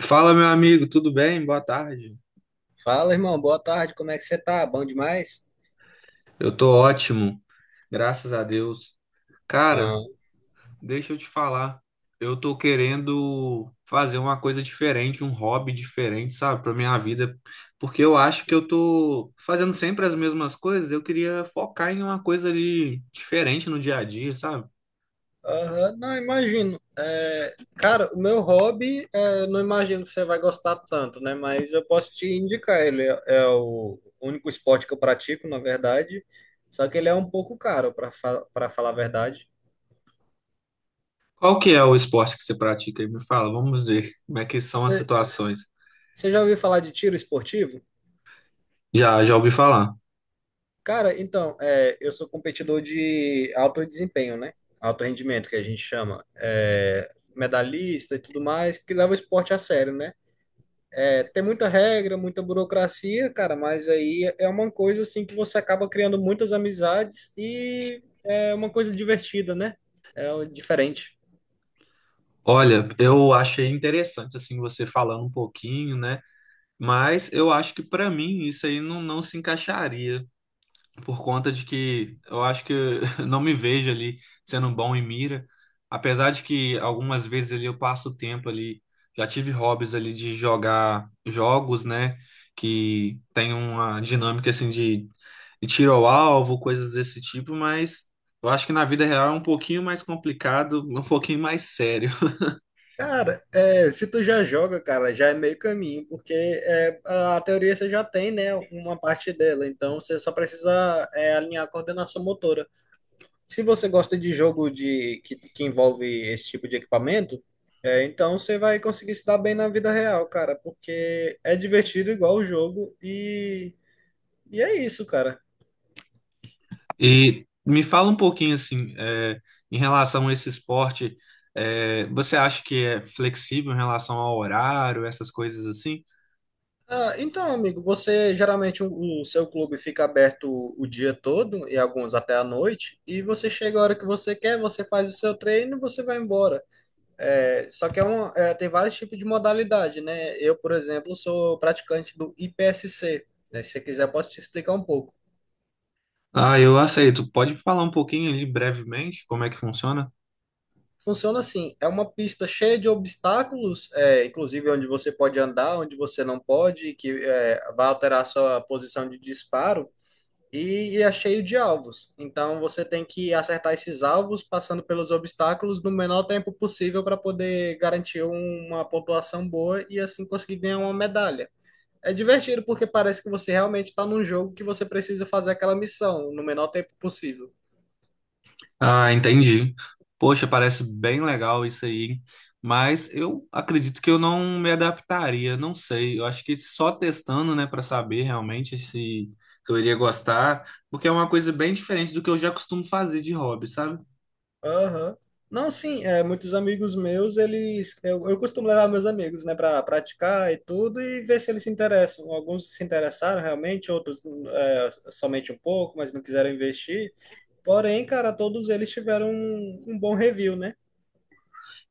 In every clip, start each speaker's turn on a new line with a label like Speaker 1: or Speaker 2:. Speaker 1: Fala, meu amigo, tudo bem? Boa tarde.
Speaker 2: Fala, irmão, boa tarde, como é que você tá? Bom demais?
Speaker 1: Eu tô ótimo, graças a Deus. Cara,
Speaker 2: Bom.
Speaker 1: deixa eu te falar. Eu tô querendo fazer uma coisa diferente, um hobby diferente, sabe, pra minha vida, porque eu acho que eu tô fazendo sempre as mesmas coisas. Eu queria focar em uma coisa ali diferente no dia a dia, sabe?
Speaker 2: Aham, não, imagino. Cara, o meu hobby, não imagino que você vai gostar tanto, né? Mas eu posso te indicar, é o único esporte que eu pratico, na verdade, só que ele é um pouco caro, para falar a verdade.
Speaker 1: Qual que é o esporte que você pratica aí? Me fala, vamos ver como é que são as
Speaker 2: Você
Speaker 1: situações.
Speaker 2: você já ouviu falar de tiro esportivo?
Speaker 1: Já, já ouvi falar.
Speaker 2: Cara, então, é, eu sou competidor de alto desempenho, né? Alto rendimento, que a gente chama. É, medalhista e tudo mais, que leva o esporte a sério, né? Tem muita regra, muita burocracia, cara, mas aí é uma coisa assim que você acaba criando muitas amizades e é uma coisa divertida, né? Diferente.
Speaker 1: Olha, eu achei interessante assim você falando um pouquinho, né? Mas eu acho que pra mim isso aí não se encaixaria, por conta de que eu acho que eu não me vejo ali sendo bom em mira. Apesar de que algumas vezes ali eu passo o tempo ali, já tive hobbies ali de jogar jogos, né, que tem uma dinâmica assim de tiro ao alvo, coisas desse tipo, mas eu acho que na vida real é um pouquinho mais complicado, um pouquinho mais sério.
Speaker 2: Cara, é, se tu já joga, cara, já é meio caminho, porque é, a teoria você já tem, né, uma parte dela, então você só precisa alinhar a coordenação motora. Se você gosta de jogo que envolve esse tipo de equipamento, é, então você vai conseguir se dar bem na vida real, cara, porque é divertido igual o jogo, e é isso, cara.
Speaker 1: E me fala um pouquinho assim, é, em relação a esse esporte, é, você acha que é flexível em relação ao horário, essas coisas assim?
Speaker 2: Ah, então, amigo, você geralmente o seu clube fica aberto o dia todo e alguns até a noite, e você chega a hora que você quer, você faz o seu treino e você vai embora. É, só que tem vários tipos de modalidade, né? Eu, por exemplo, sou praticante do IPSC, né? Se você quiser, eu posso te explicar um pouco.
Speaker 1: Ah, eu aceito. Pode falar um pouquinho ali brevemente como é que funciona?
Speaker 2: Funciona assim, é uma pista cheia de obstáculos, inclusive onde você pode andar, onde você não pode, vai alterar a sua posição de disparo, e é cheio de alvos. Então você tem que acertar esses alvos passando pelos obstáculos no menor tempo possível para poder garantir uma pontuação boa e assim conseguir ganhar uma medalha. É divertido porque parece que você realmente está num jogo que você precisa fazer aquela missão no menor tempo possível.
Speaker 1: Ah, entendi. Poxa, parece bem legal isso aí, mas eu acredito que eu não me adaptaria, não sei. Eu acho que só testando, né, para saber realmente se eu iria gostar, porque é uma coisa bem diferente do que eu já costumo fazer de hobby, sabe?
Speaker 2: Aham. Não, sim, é, muitos amigos meus, eles. Eu costumo levar meus amigos, né, para praticar e tudo e ver se eles se interessam. Alguns se interessaram realmente, outros somente um pouco, mas não quiseram investir. Porém, cara, todos eles tiveram um bom review, né?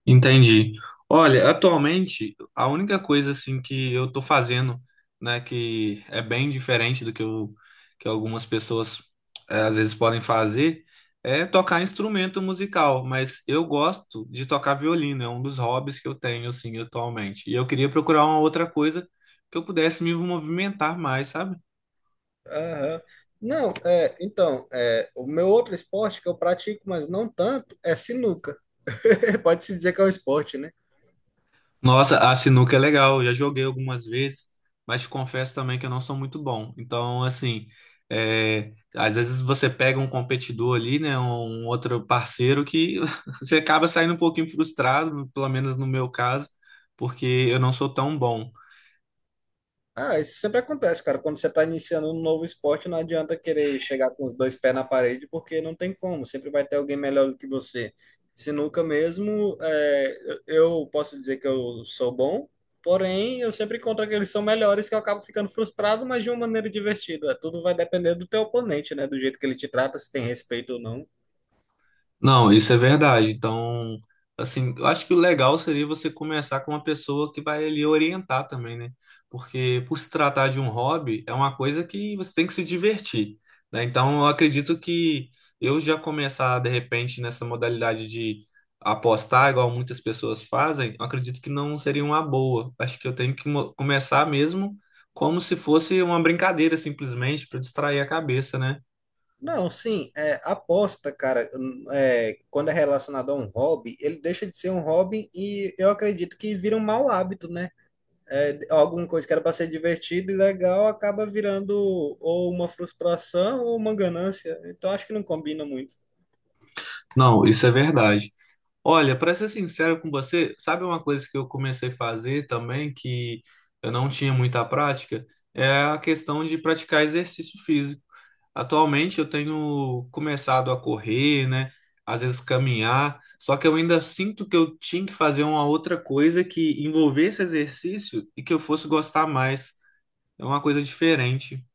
Speaker 1: Entendi. Olha, atualmente, a única coisa assim que eu tô fazendo, né, que é bem diferente do que, eu, que algumas pessoas às vezes podem fazer, é tocar instrumento musical, mas eu gosto de tocar violino, é um dos hobbies que eu tenho assim atualmente. E eu queria procurar uma outra coisa que eu pudesse me movimentar mais, sabe?
Speaker 2: Aham. Não, é, então, é, o meu outro esporte que eu pratico, mas não tanto, é sinuca. Pode-se dizer que é um esporte, né?
Speaker 1: Nossa, a sinuca é legal, já joguei algumas vezes, mas te confesso também que eu não sou muito bom. Então, assim, é, às vezes você pega um competidor ali, né, um outro parceiro que você acaba saindo um pouquinho frustrado, pelo menos no meu caso, porque eu não sou tão bom.
Speaker 2: Ah, isso sempre acontece, cara. Quando você está iniciando um novo esporte, não adianta querer chegar com os dois pés na parede, porque não tem como. Sempre vai ter alguém melhor do que você. Sinuca mesmo, é, eu posso dizer que eu sou bom, porém eu sempre encontro aqueles que são melhores que eu acabo ficando frustrado, mas de uma maneira divertida. Tudo vai depender do teu oponente, né? Do jeito que ele te trata, se tem respeito ou não.
Speaker 1: Não, isso é verdade. Então, assim, eu acho que o legal seria você começar com uma pessoa que vai lhe orientar também, né? Porque por se tratar de um hobby, é uma coisa que você tem que se divertir, né? Então, eu acredito que eu já começar de repente nessa modalidade de apostar, igual muitas pessoas fazem, eu acredito que não seria uma boa. Acho que eu tenho que começar mesmo como se fosse uma brincadeira, simplesmente, para distrair a cabeça, né?
Speaker 2: Não, sim, é, aposta, cara, quando é relacionado a um hobby, ele deixa de ser um hobby e eu acredito que vira um mau hábito, né? Alguma coisa que era para ser divertido e legal acaba virando ou uma frustração ou uma ganância. Então acho que não combina muito.
Speaker 1: Não, isso é verdade. Olha, para ser sincero com você, sabe uma coisa que eu comecei a fazer também que eu não tinha muita prática? É a questão de praticar exercício físico. Atualmente eu tenho começado a correr, né? Às vezes caminhar, só que eu ainda sinto que eu tinha que fazer uma outra coisa que envolvesse exercício e que eu fosse gostar mais. É uma coisa diferente.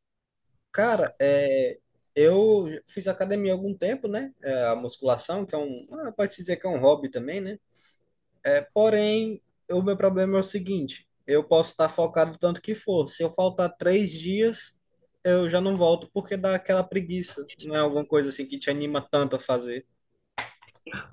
Speaker 2: Cara, é, eu fiz academia há algum tempo, né? É, a musculação, que é um, pode-se dizer que é um hobby também, né? Porém, o meu problema é o seguinte: eu posso estar focado o tanto que for. Se eu faltar três dias, eu já não volto porque dá aquela preguiça. Não é alguma coisa assim que te anima tanto a fazer.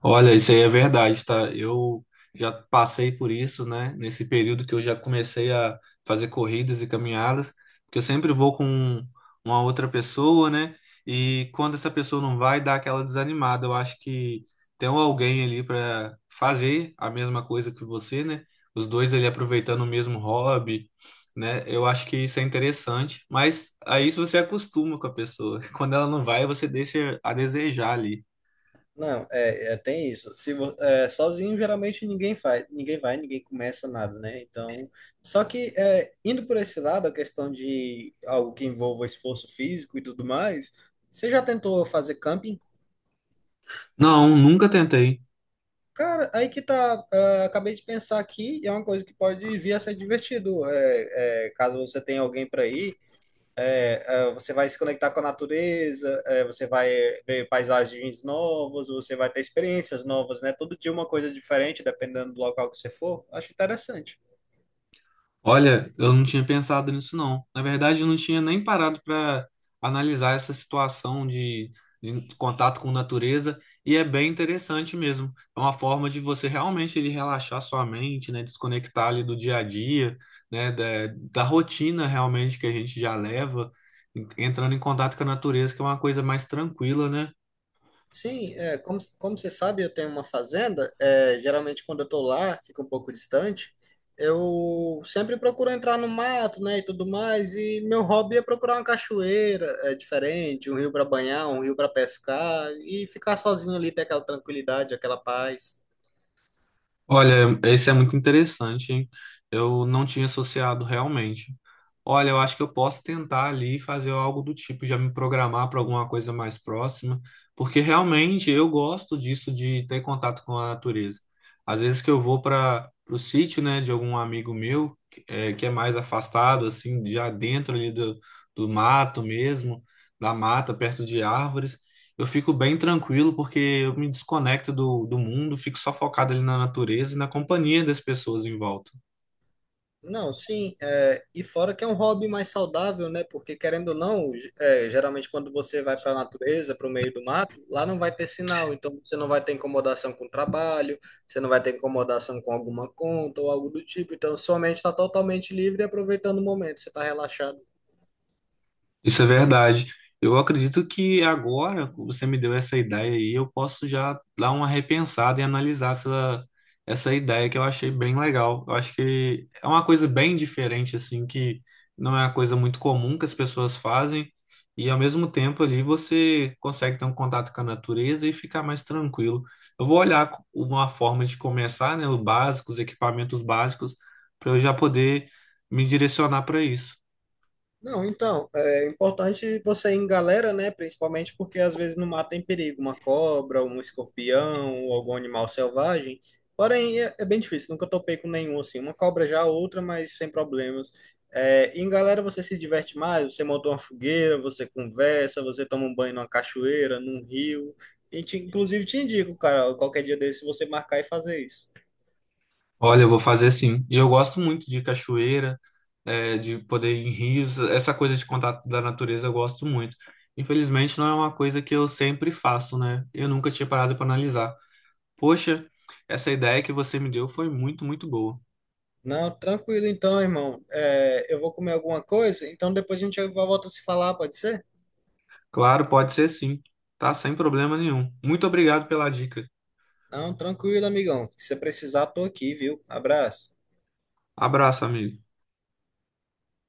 Speaker 1: Olha, isso aí é verdade, tá? Eu já passei por isso, né? Nesse período que eu já comecei a fazer corridas e caminhadas, porque eu sempre vou com uma outra pessoa, né? E quando essa pessoa não vai, dá aquela desanimada. Eu acho que tem alguém ali para fazer a mesma coisa que você, né? Os dois ali aproveitando o mesmo hobby, né? Eu acho que isso é interessante, mas aí você acostuma com a pessoa. Quando ela não vai, você deixa a desejar ali.
Speaker 2: Não, tem isso. Se vo- é, Sozinho, geralmente ninguém faz, ninguém vai, ninguém começa nada, né? Então, só que indo por esse lado, a questão de algo que envolva esforço físico e tudo mais, você já tentou fazer camping?
Speaker 1: Não, nunca tentei.
Speaker 2: Cara, aí que tá. Acabei de pensar aqui, e é uma coisa que pode vir a ser divertido. Caso você tenha alguém para ir. Você vai se conectar com a natureza, você vai ver paisagens novas, você vai ter experiências novas, né? Todo dia uma coisa diferente, dependendo do local que você for. Acho interessante.
Speaker 1: Olha, eu não tinha pensado nisso não. Na verdade, eu não tinha nem parado para analisar essa situação de contato com natureza e é bem interessante mesmo. É uma forma de você realmente ele relaxar sua mente, né, desconectar ali do dia a dia, né, da rotina realmente que a gente já leva, entrando em contato com a natureza, que é uma coisa mais tranquila, né?
Speaker 2: Sim, como, como você sabe, eu tenho uma fazenda. Geralmente, quando eu estou lá, fica um pouco distante. Eu sempre procuro entrar no mato, né, e tudo mais. E meu hobby é procurar uma cachoeira, é diferente, um rio para banhar, um rio para pescar e ficar sozinho ali, ter aquela tranquilidade, aquela paz.
Speaker 1: Olha, esse é muito interessante, hein? Eu não tinha associado realmente. Olha, eu acho que eu posso tentar ali fazer algo do tipo, já me programar para alguma coisa mais próxima, porque realmente eu gosto disso de ter contato com a natureza. Às vezes que eu vou para o sítio, né, de algum amigo meu, que é mais afastado, assim, já dentro ali do mato mesmo, da mata, perto de árvores eu fico bem tranquilo porque eu me desconecto do mundo, fico só focado ali na natureza e na companhia das pessoas em volta.
Speaker 2: Não, sim, é, e fora que é um hobby mais saudável, né? Porque querendo ou não, geralmente quando você vai para a natureza, para o meio do mato, lá não vai ter sinal, então você não vai ter incomodação com o trabalho, você não vai ter incomodação com alguma conta ou algo do tipo, então sua mente está totalmente livre e aproveitando o momento, você está relaxado.
Speaker 1: Isso é verdade. Eu acredito que agora que você me deu essa ideia aí, eu posso já dar uma repensada e analisar essa ideia que eu achei bem legal. Eu acho que é uma coisa bem diferente, assim, que não é uma coisa muito comum que as pessoas fazem, e ao mesmo tempo ali você consegue ter um contato com a natureza e ficar mais tranquilo. Eu vou olhar uma forma de começar, né, o básico, os equipamentos básicos, para eu já poder me direcionar para isso.
Speaker 2: Não, então, é importante você ir em galera, né? Principalmente porque às vezes no mato tem perigo, uma cobra, um escorpião, ou algum animal selvagem. Porém, é bem difícil, nunca topei com nenhum assim. Uma cobra já, outra, mas sem problemas. É, em galera você se diverte mais, você monta uma fogueira, você conversa, você toma um banho numa cachoeira, num rio. Inclusive te indico, cara, qualquer dia desse você marcar e fazer isso.
Speaker 1: Olha, eu vou fazer sim. E eu gosto muito de cachoeira, de poder ir em rios, essa coisa de contato da natureza eu gosto muito. Infelizmente, não é uma coisa que eu sempre faço, né? Eu nunca tinha parado para analisar. Poxa, essa ideia que você me deu foi muito, muito boa.
Speaker 2: Não, tranquilo então, irmão. É, eu vou comer alguma coisa, então depois a gente volta a se falar, pode ser?
Speaker 1: Claro, pode ser sim, tá? Sem problema nenhum. Muito obrigado pela dica.
Speaker 2: Não, tranquilo, amigão. Se você precisar, tô aqui, viu? Abraço.
Speaker 1: Abraço, amigo.